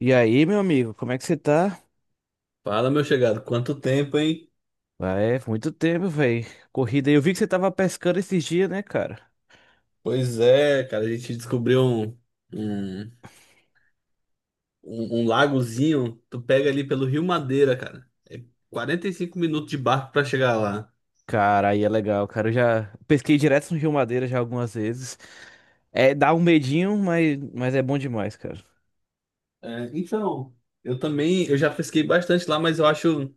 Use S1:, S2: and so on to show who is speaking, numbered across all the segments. S1: E aí, meu amigo, como é que você tá?
S2: Fala, meu chegado, quanto tempo, hein?
S1: Ah, É, muito tempo, velho. Corrida. Eu vi que você tava pescando esses dias, né, cara?
S2: Pois é, cara, a gente descobriu um, um lagozinho. Tu pega ali pelo Rio Madeira, cara. É 45 minutos de barco pra chegar lá.
S1: Cara, aí é legal, cara. Eu já pesquei direto no Rio Madeira já algumas vezes. É, dá um medinho, mas é bom demais, cara.
S2: É, então, eu também, eu já pesquei bastante lá, mas eu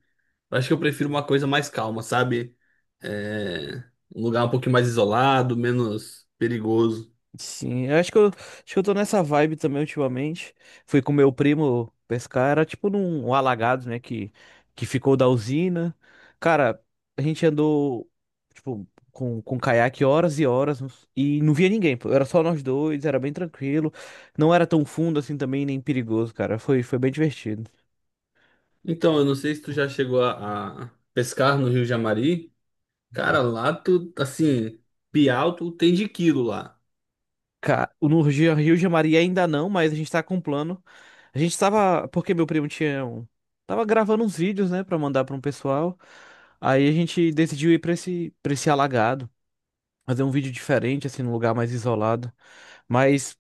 S2: acho que eu prefiro uma coisa mais calma, sabe? É, Um lugar um pouquinho mais isolado, menos perigoso.
S1: Sim, eu acho que eu tô nessa vibe também ultimamente. Fui com meu primo pescar, era tipo num alagado, né, que ficou da usina. Cara, a gente andou, tipo, com caiaque horas e horas e não via ninguém, pô. Era só nós dois, era bem tranquilo. Não era tão fundo assim também, nem perigoso, cara. Foi bem divertido.
S2: Então, eu não sei se tu já chegou a pescar no Rio Jamari. Cara, lá tu, assim, Piau tu tem de quilo lá.
S1: Cara, no Rio de Maria ainda não, mas a gente tá com um plano. A gente tava, porque meu primo tava gravando uns vídeos, né, pra mandar pra um pessoal. Aí a gente decidiu ir pra esse alagado, fazer um vídeo diferente, assim, num lugar mais isolado. Mas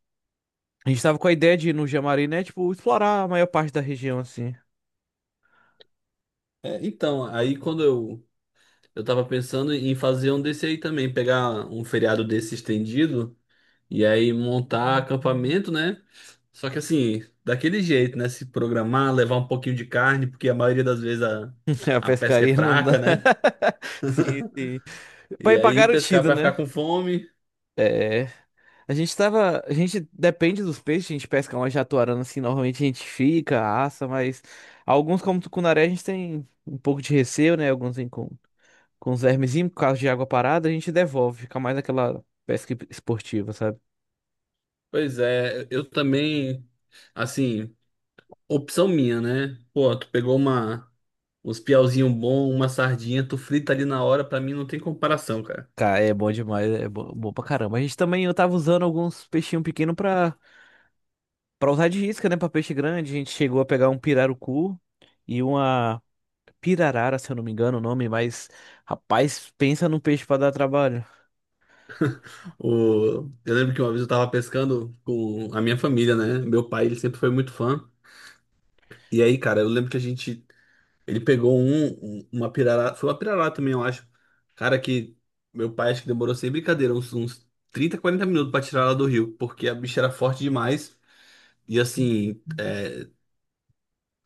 S1: a gente tava com a ideia de ir no Jamari, né, tipo, explorar a maior parte da região, assim.
S2: Aí eu tava pensando em fazer um desse aí também, pegar um feriado desse estendido e aí montar acampamento, né? Só que assim, daquele jeito, né? Se programar, levar um pouquinho de carne, porque a maioria das vezes
S1: A
S2: a pesca é
S1: pescaria não dá.
S2: fraca, né?
S1: Sim, sim. Pra
S2: E
S1: ir pra
S2: aí pescar
S1: garantido,
S2: pra ficar
S1: né?
S2: com fome.
S1: É. A gente tava. A gente depende dos peixes, a gente pesca uma jatuarana assim, normalmente a gente fica, assa, mas alguns, como tucunaré, a gente tem um pouco de receio, né? Alguns vêm com os vermezinhos, por causa de água parada, a gente devolve, fica mais aquela pesca esportiva, sabe?
S2: Pois é, eu também, assim, opção minha, né? Pô, tu pegou uma. Uns piauzinho bom, uma sardinha, tu frita ali na hora, pra mim não tem comparação, cara.
S1: Cara, é bom demais, é bom, bom pra caramba. A gente também, eu tava usando alguns peixinhos pequenos pra usar de isca, né? Pra peixe grande, a gente chegou a pegar um pirarucu e uma pirarara, se eu não me engano o nome, mas rapaz, pensa num peixe pra dar trabalho.
S2: O... Eu lembro que uma vez eu tava pescando com a minha família, né? Meu pai, ele sempre foi muito fã. E aí, cara, eu lembro que a gente. Ele pegou uma pirarara. Foi uma pirarara também, eu acho. Cara, que meu pai acho que demorou sem brincadeira, uns 30, 40 minutos pra tirar ela do rio, porque a bicha era forte demais. E assim,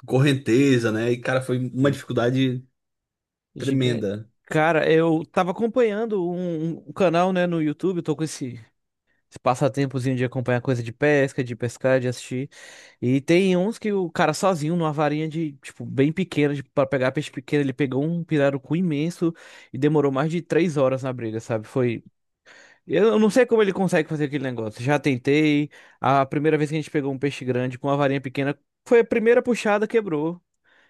S2: correnteza, né? E, cara, foi uma dificuldade
S1: Gigante.
S2: tremenda.
S1: Cara, eu tava acompanhando um canal, né, no YouTube, eu tô com esse passatempozinho de acompanhar coisa de pesca, de pescar, de assistir. E tem uns que o cara sozinho, numa varinha de, tipo, bem pequena, pra pegar peixe pequeno, ele pegou um pirarucu imenso e demorou mais de 3 horas na briga, sabe? Foi. Eu não sei como ele consegue fazer aquele negócio. Já tentei. A primeira vez que a gente pegou um peixe grande com uma varinha pequena, foi a primeira puxada, quebrou.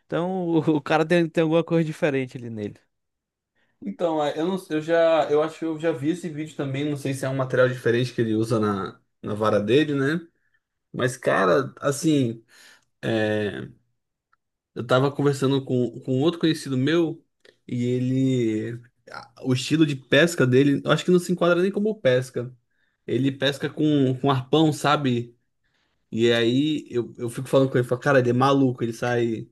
S1: Então o cara tem alguma coisa diferente ali nele.
S2: Então, é, eu não, eu já, eu acho que eu já vi esse vídeo também, não sei se é um material diferente que ele usa na vara dele, né? Mas, cara, assim, é, eu tava conversando com outro conhecido meu e ele, o estilo de pesca dele, eu acho que não se enquadra nem como pesca. Ele pesca com arpão, sabe? E aí eu fico falando com ele, falo, cara, ele é maluco, ele sai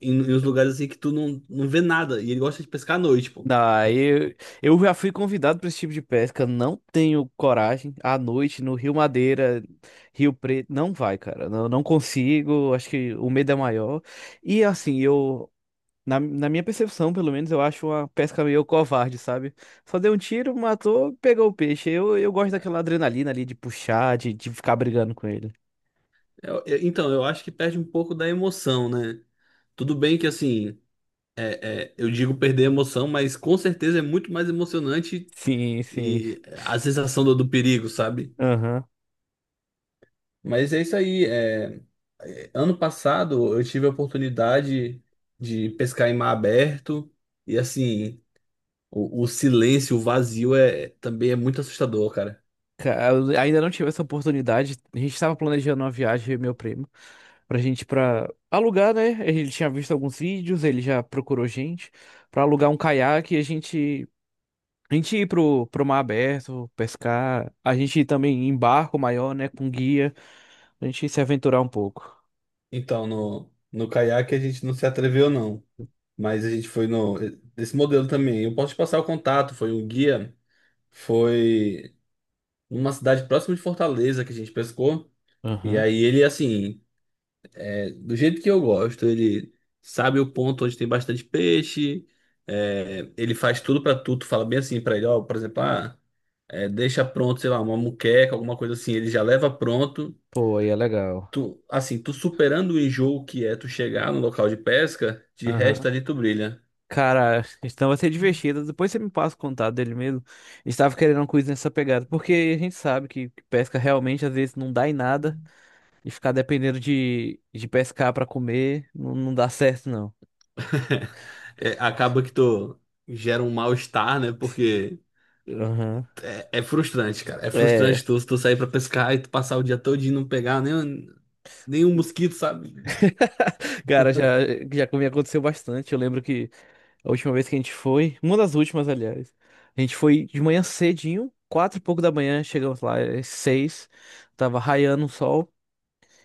S2: em uns lugares assim que tu não, não vê nada. E ele gosta de pescar à noite, pô.
S1: Ah, eu já fui convidado para esse tipo de pesca, não tenho coragem. À noite no Rio Madeira, Rio Preto, não vai, cara. Não consigo, acho que o medo é maior. E assim, eu, na minha percepção, pelo menos, eu acho uma pesca meio covarde, sabe? Só deu um tiro, matou, pegou o peixe. Eu gosto daquela adrenalina ali de puxar, de ficar brigando com ele.
S2: Então, eu acho que perde um pouco da emoção, né? Tudo bem que, assim, eu digo perder a emoção, mas com certeza é muito mais emocionante
S1: Sim, sim.
S2: e a sensação do perigo, sabe? Mas é isso aí. Ano passado eu tive a oportunidade de pescar em mar aberto e, assim, o silêncio, o vazio também é muito assustador, cara.
S1: Eu ainda não tive essa oportunidade. A gente estava planejando uma viagem, eu e meu primo, pra gente pra alugar, né? Ele tinha visto alguns vídeos, ele já procurou gente pra alugar um caiaque e a gente ir pro mar aberto, pescar, a gente ir também em barco maior, né, com guia, a gente se aventurar um pouco.
S2: Então, no caiaque a gente não se atreveu, não. Mas a gente foi no. Esse modelo também. Eu posso te passar o contato. Foi um guia. Foi numa cidade próxima de Fortaleza que a gente pescou. E
S1: Aham.
S2: aí ele, assim, do jeito que eu gosto, ele sabe o ponto onde tem bastante peixe. Ele faz tudo pra tu. Tu fala bem assim pra ele, ó, por exemplo, deixa pronto, sei lá, uma muqueca, alguma coisa assim. Ele já leva pronto.
S1: Pô, aí é legal.
S2: Tu, assim, tu superando o enjoo que é tu chegar no local de pesca, de resto
S1: Aham.
S2: ali tu brilha.
S1: Cara, então vai ser divertido. Depois você me passa o contato dele mesmo. Estava querendo uma coisa nessa pegada, porque a gente sabe que pesca realmente às vezes não dá em nada. E ficar dependendo de pescar pra comer não dá certo, não.
S2: Acaba que tu gera um mal-estar, né? Porque
S1: Aham.
S2: é frustrante, cara. É
S1: É.
S2: frustrante tu sair pra pescar e tu passar o dia todo e não pegar nem, nenhum mosquito, sabe?
S1: Cara, já comigo aconteceu bastante. Eu lembro que a última vez que a gente foi, uma das últimas, aliás, a gente foi de manhã cedinho, 4 e pouco da manhã, chegamos lá, às 6h, tava raiando o sol.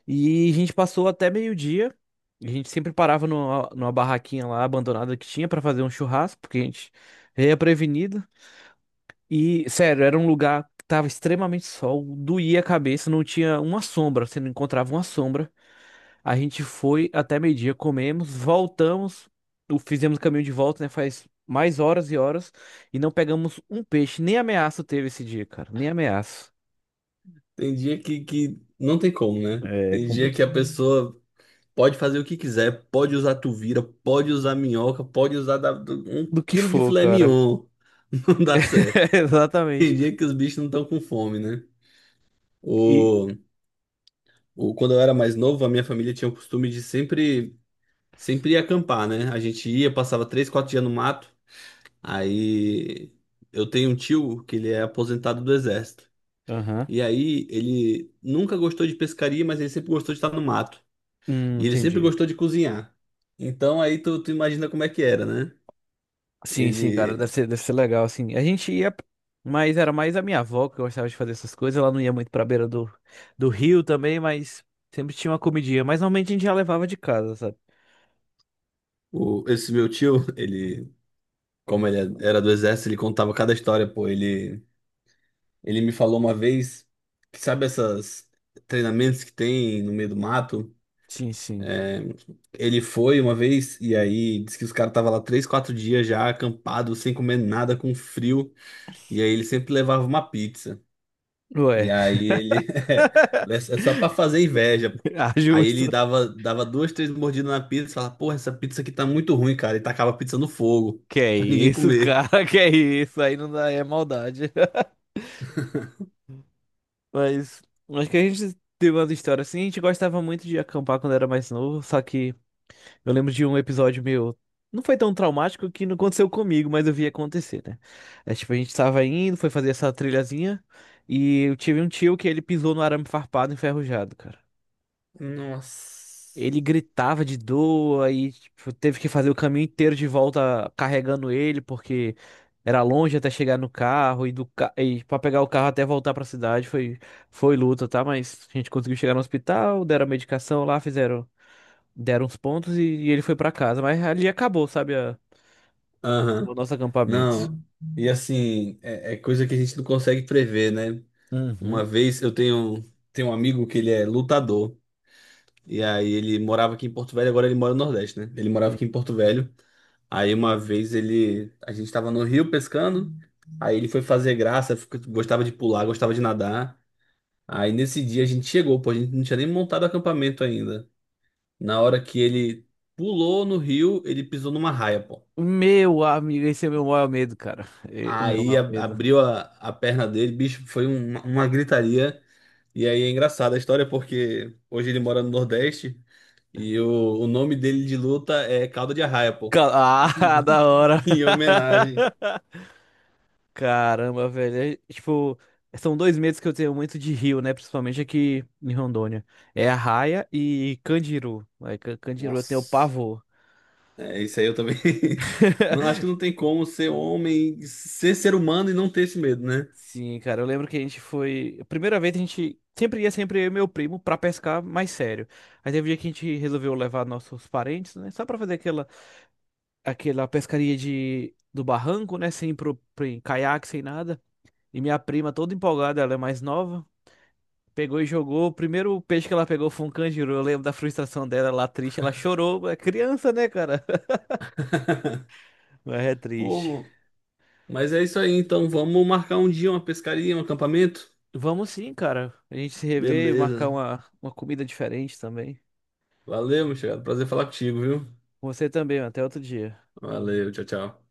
S1: E a gente passou até meio-dia. A gente sempre parava numa barraquinha lá abandonada que tinha pra fazer um churrasco, porque a gente é prevenido. E, sério, era um lugar que tava extremamente sol, doía a cabeça, não tinha uma sombra, você não encontrava uma sombra. A gente foi até meio-dia, comemos, voltamos, fizemos o caminho de volta, né? Faz mais horas e horas, e não pegamos um peixe, nem ameaça teve esse dia, cara, nem ameaça.
S2: Tem dia que não tem como, né?
S1: É
S2: Tem dia que
S1: complicado.
S2: a pessoa pode fazer o que quiser, pode usar tuvira, pode usar minhoca, pode usar um
S1: Do que
S2: quilo de
S1: for,
S2: filé
S1: cara.
S2: mignon. Não dá certo. Tem
S1: Exatamente.
S2: dia que os bichos não estão com fome, né?
S1: E.
S2: O, Quando eu era mais novo, a minha família tinha o costume de sempre sempre ia acampar, né? A gente ia, passava três, quatro dias no mato. Aí eu tenho um tio que ele é aposentado do exército.
S1: Aham.
S2: E aí ele nunca gostou de pescaria, mas ele sempre gostou de estar no mato. E ele sempre
S1: Entendi.
S2: gostou de cozinhar. Então aí tu, tu imagina como é que era, né?
S1: Sim, sim, cara, deve
S2: Ele,
S1: ser, deve ser legal, assim. A gente ia, mas era mais a minha avó que gostava de fazer essas coisas. Ela não ia muito pra beira do rio também, mas sempre tinha uma comidinha. Mas normalmente a gente já levava de casa, sabe?
S2: Esse meu tio, ele, como ele era do exército, ele contava cada história, pô. Ele me falou uma vez que sabe essas treinamentos que tem no meio do mato?
S1: Sim, sim.
S2: É, Ele foi uma vez e aí disse que os caras estavam lá três, quatro dias já acampado, sem comer nada, com frio. E aí ele sempre levava uma pizza. E
S1: Ué,
S2: aí ele. É, só pra fazer inveja. Pô.
S1: ah,
S2: Aí ele
S1: justo.
S2: dava duas, três mordidas na pizza e falava: Porra, essa pizza aqui tá muito ruim, cara. E tacava a pizza no fogo,
S1: Que é
S2: pra ninguém
S1: isso,
S2: comer.
S1: cara, que é isso? Aí não dá, é maldade. Mas acho que a gente teve umas histórias assim. A gente gostava muito de acampar quando era mais novo, só que. Eu lembro de um episódio meu. Não foi tão traumático que não aconteceu comigo, mas eu vi acontecer, né? É, tipo, a gente tava indo, foi fazer essa trilhazinha, e eu tive um tio que ele pisou no arame farpado enferrujado, cara.
S2: Nossa.
S1: Ele gritava de dor, aí, tipo, teve que fazer o caminho inteiro de volta carregando ele, porque era longe até chegar no carro, e, e pra pegar o carro até voltar pra cidade foi luta, tá? Mas a gente conseguiu chegar no hospital, deram a medicação lá, fizeram deram os pontos e ele foi pra casa. Mas ali acabou, sabe, o
S2: Aham.
S1: nosso acampamento.
S2: Não. E assim, é coisa que a gente não consegue prever, né?
S1: Uhum.
S2: Uma vez eu tenho, tenho um amigo que ele é lutador. E aí ele morava aqui em Porto Velho, agora ele mora no Nordeste, né? Ele morava
S1: Sim.
S2: aqui em Porto Velho. Aí uma vez ele, A gente tava no rio pescando, aí ele foi fazer graça, gostava de pular, gostava de nadar. Aí nesse dia a gente chegou, pô, a gente não tinha nem montado acampamento ainda. Na hora que ele pulou no rio, ele pisou numa raia, pô.
S1: Meu amigo, esse é o meu maior medo, cara. O meu maior medo.
S2: Abriu a perna dele, bicho, foi uma gritaria. E aí é engraçada a história porque hoje ele mora no Nordeste. E o nome dele de luta é Caldo de Arraia, pô.
S1: Ca- Ah, da hora.
S2: Em homenagem.
S1: Caramba, velho. É, tipo, são dois medos que eu tenho muito de rio, né? Principalmente aqui em Rondônia. É Arraia e Candiru. Aí Candiru eu tenho
S2: Nossa,
S1: pavor.
S2: é isso aí eu também. Não, acho que não tem como ser homem, ser humano e não ter esse medo, né?
S1: Sim, cara, eu lembro que a gente foi. A primeira vez a gente sempre ia, sempre eu e meu primo, pra pescar mais sério. Aí teve um dia que a gente resolveu levar nossos parentes, né? Só pra fazer aquela pescaria do barranco, né? Sem caiaque, sem nada. E minha prima, toda empolgada, ela é mais nova, pegou e jogou. O primeiro peixe que ela pegou foi um canjiru. Eu lembro da frustração dela, lá triste, ela chorou. É criança, né, cara? Mas é
S2: Pô,
S1: triste.
S2: mo- mas é isso aí, então vamos marcar um dia, uma pescaria, um acampamento?
S1: Vamos sim, cara. A gente se rever e marcar
S2: Beleza.
S1: uma comida diferente também.
S2: Valeu, meu chegado. Prazer falar contigo, viu?
S1: Você também, até outro dia.
S2: Valeu, tchau, tchau.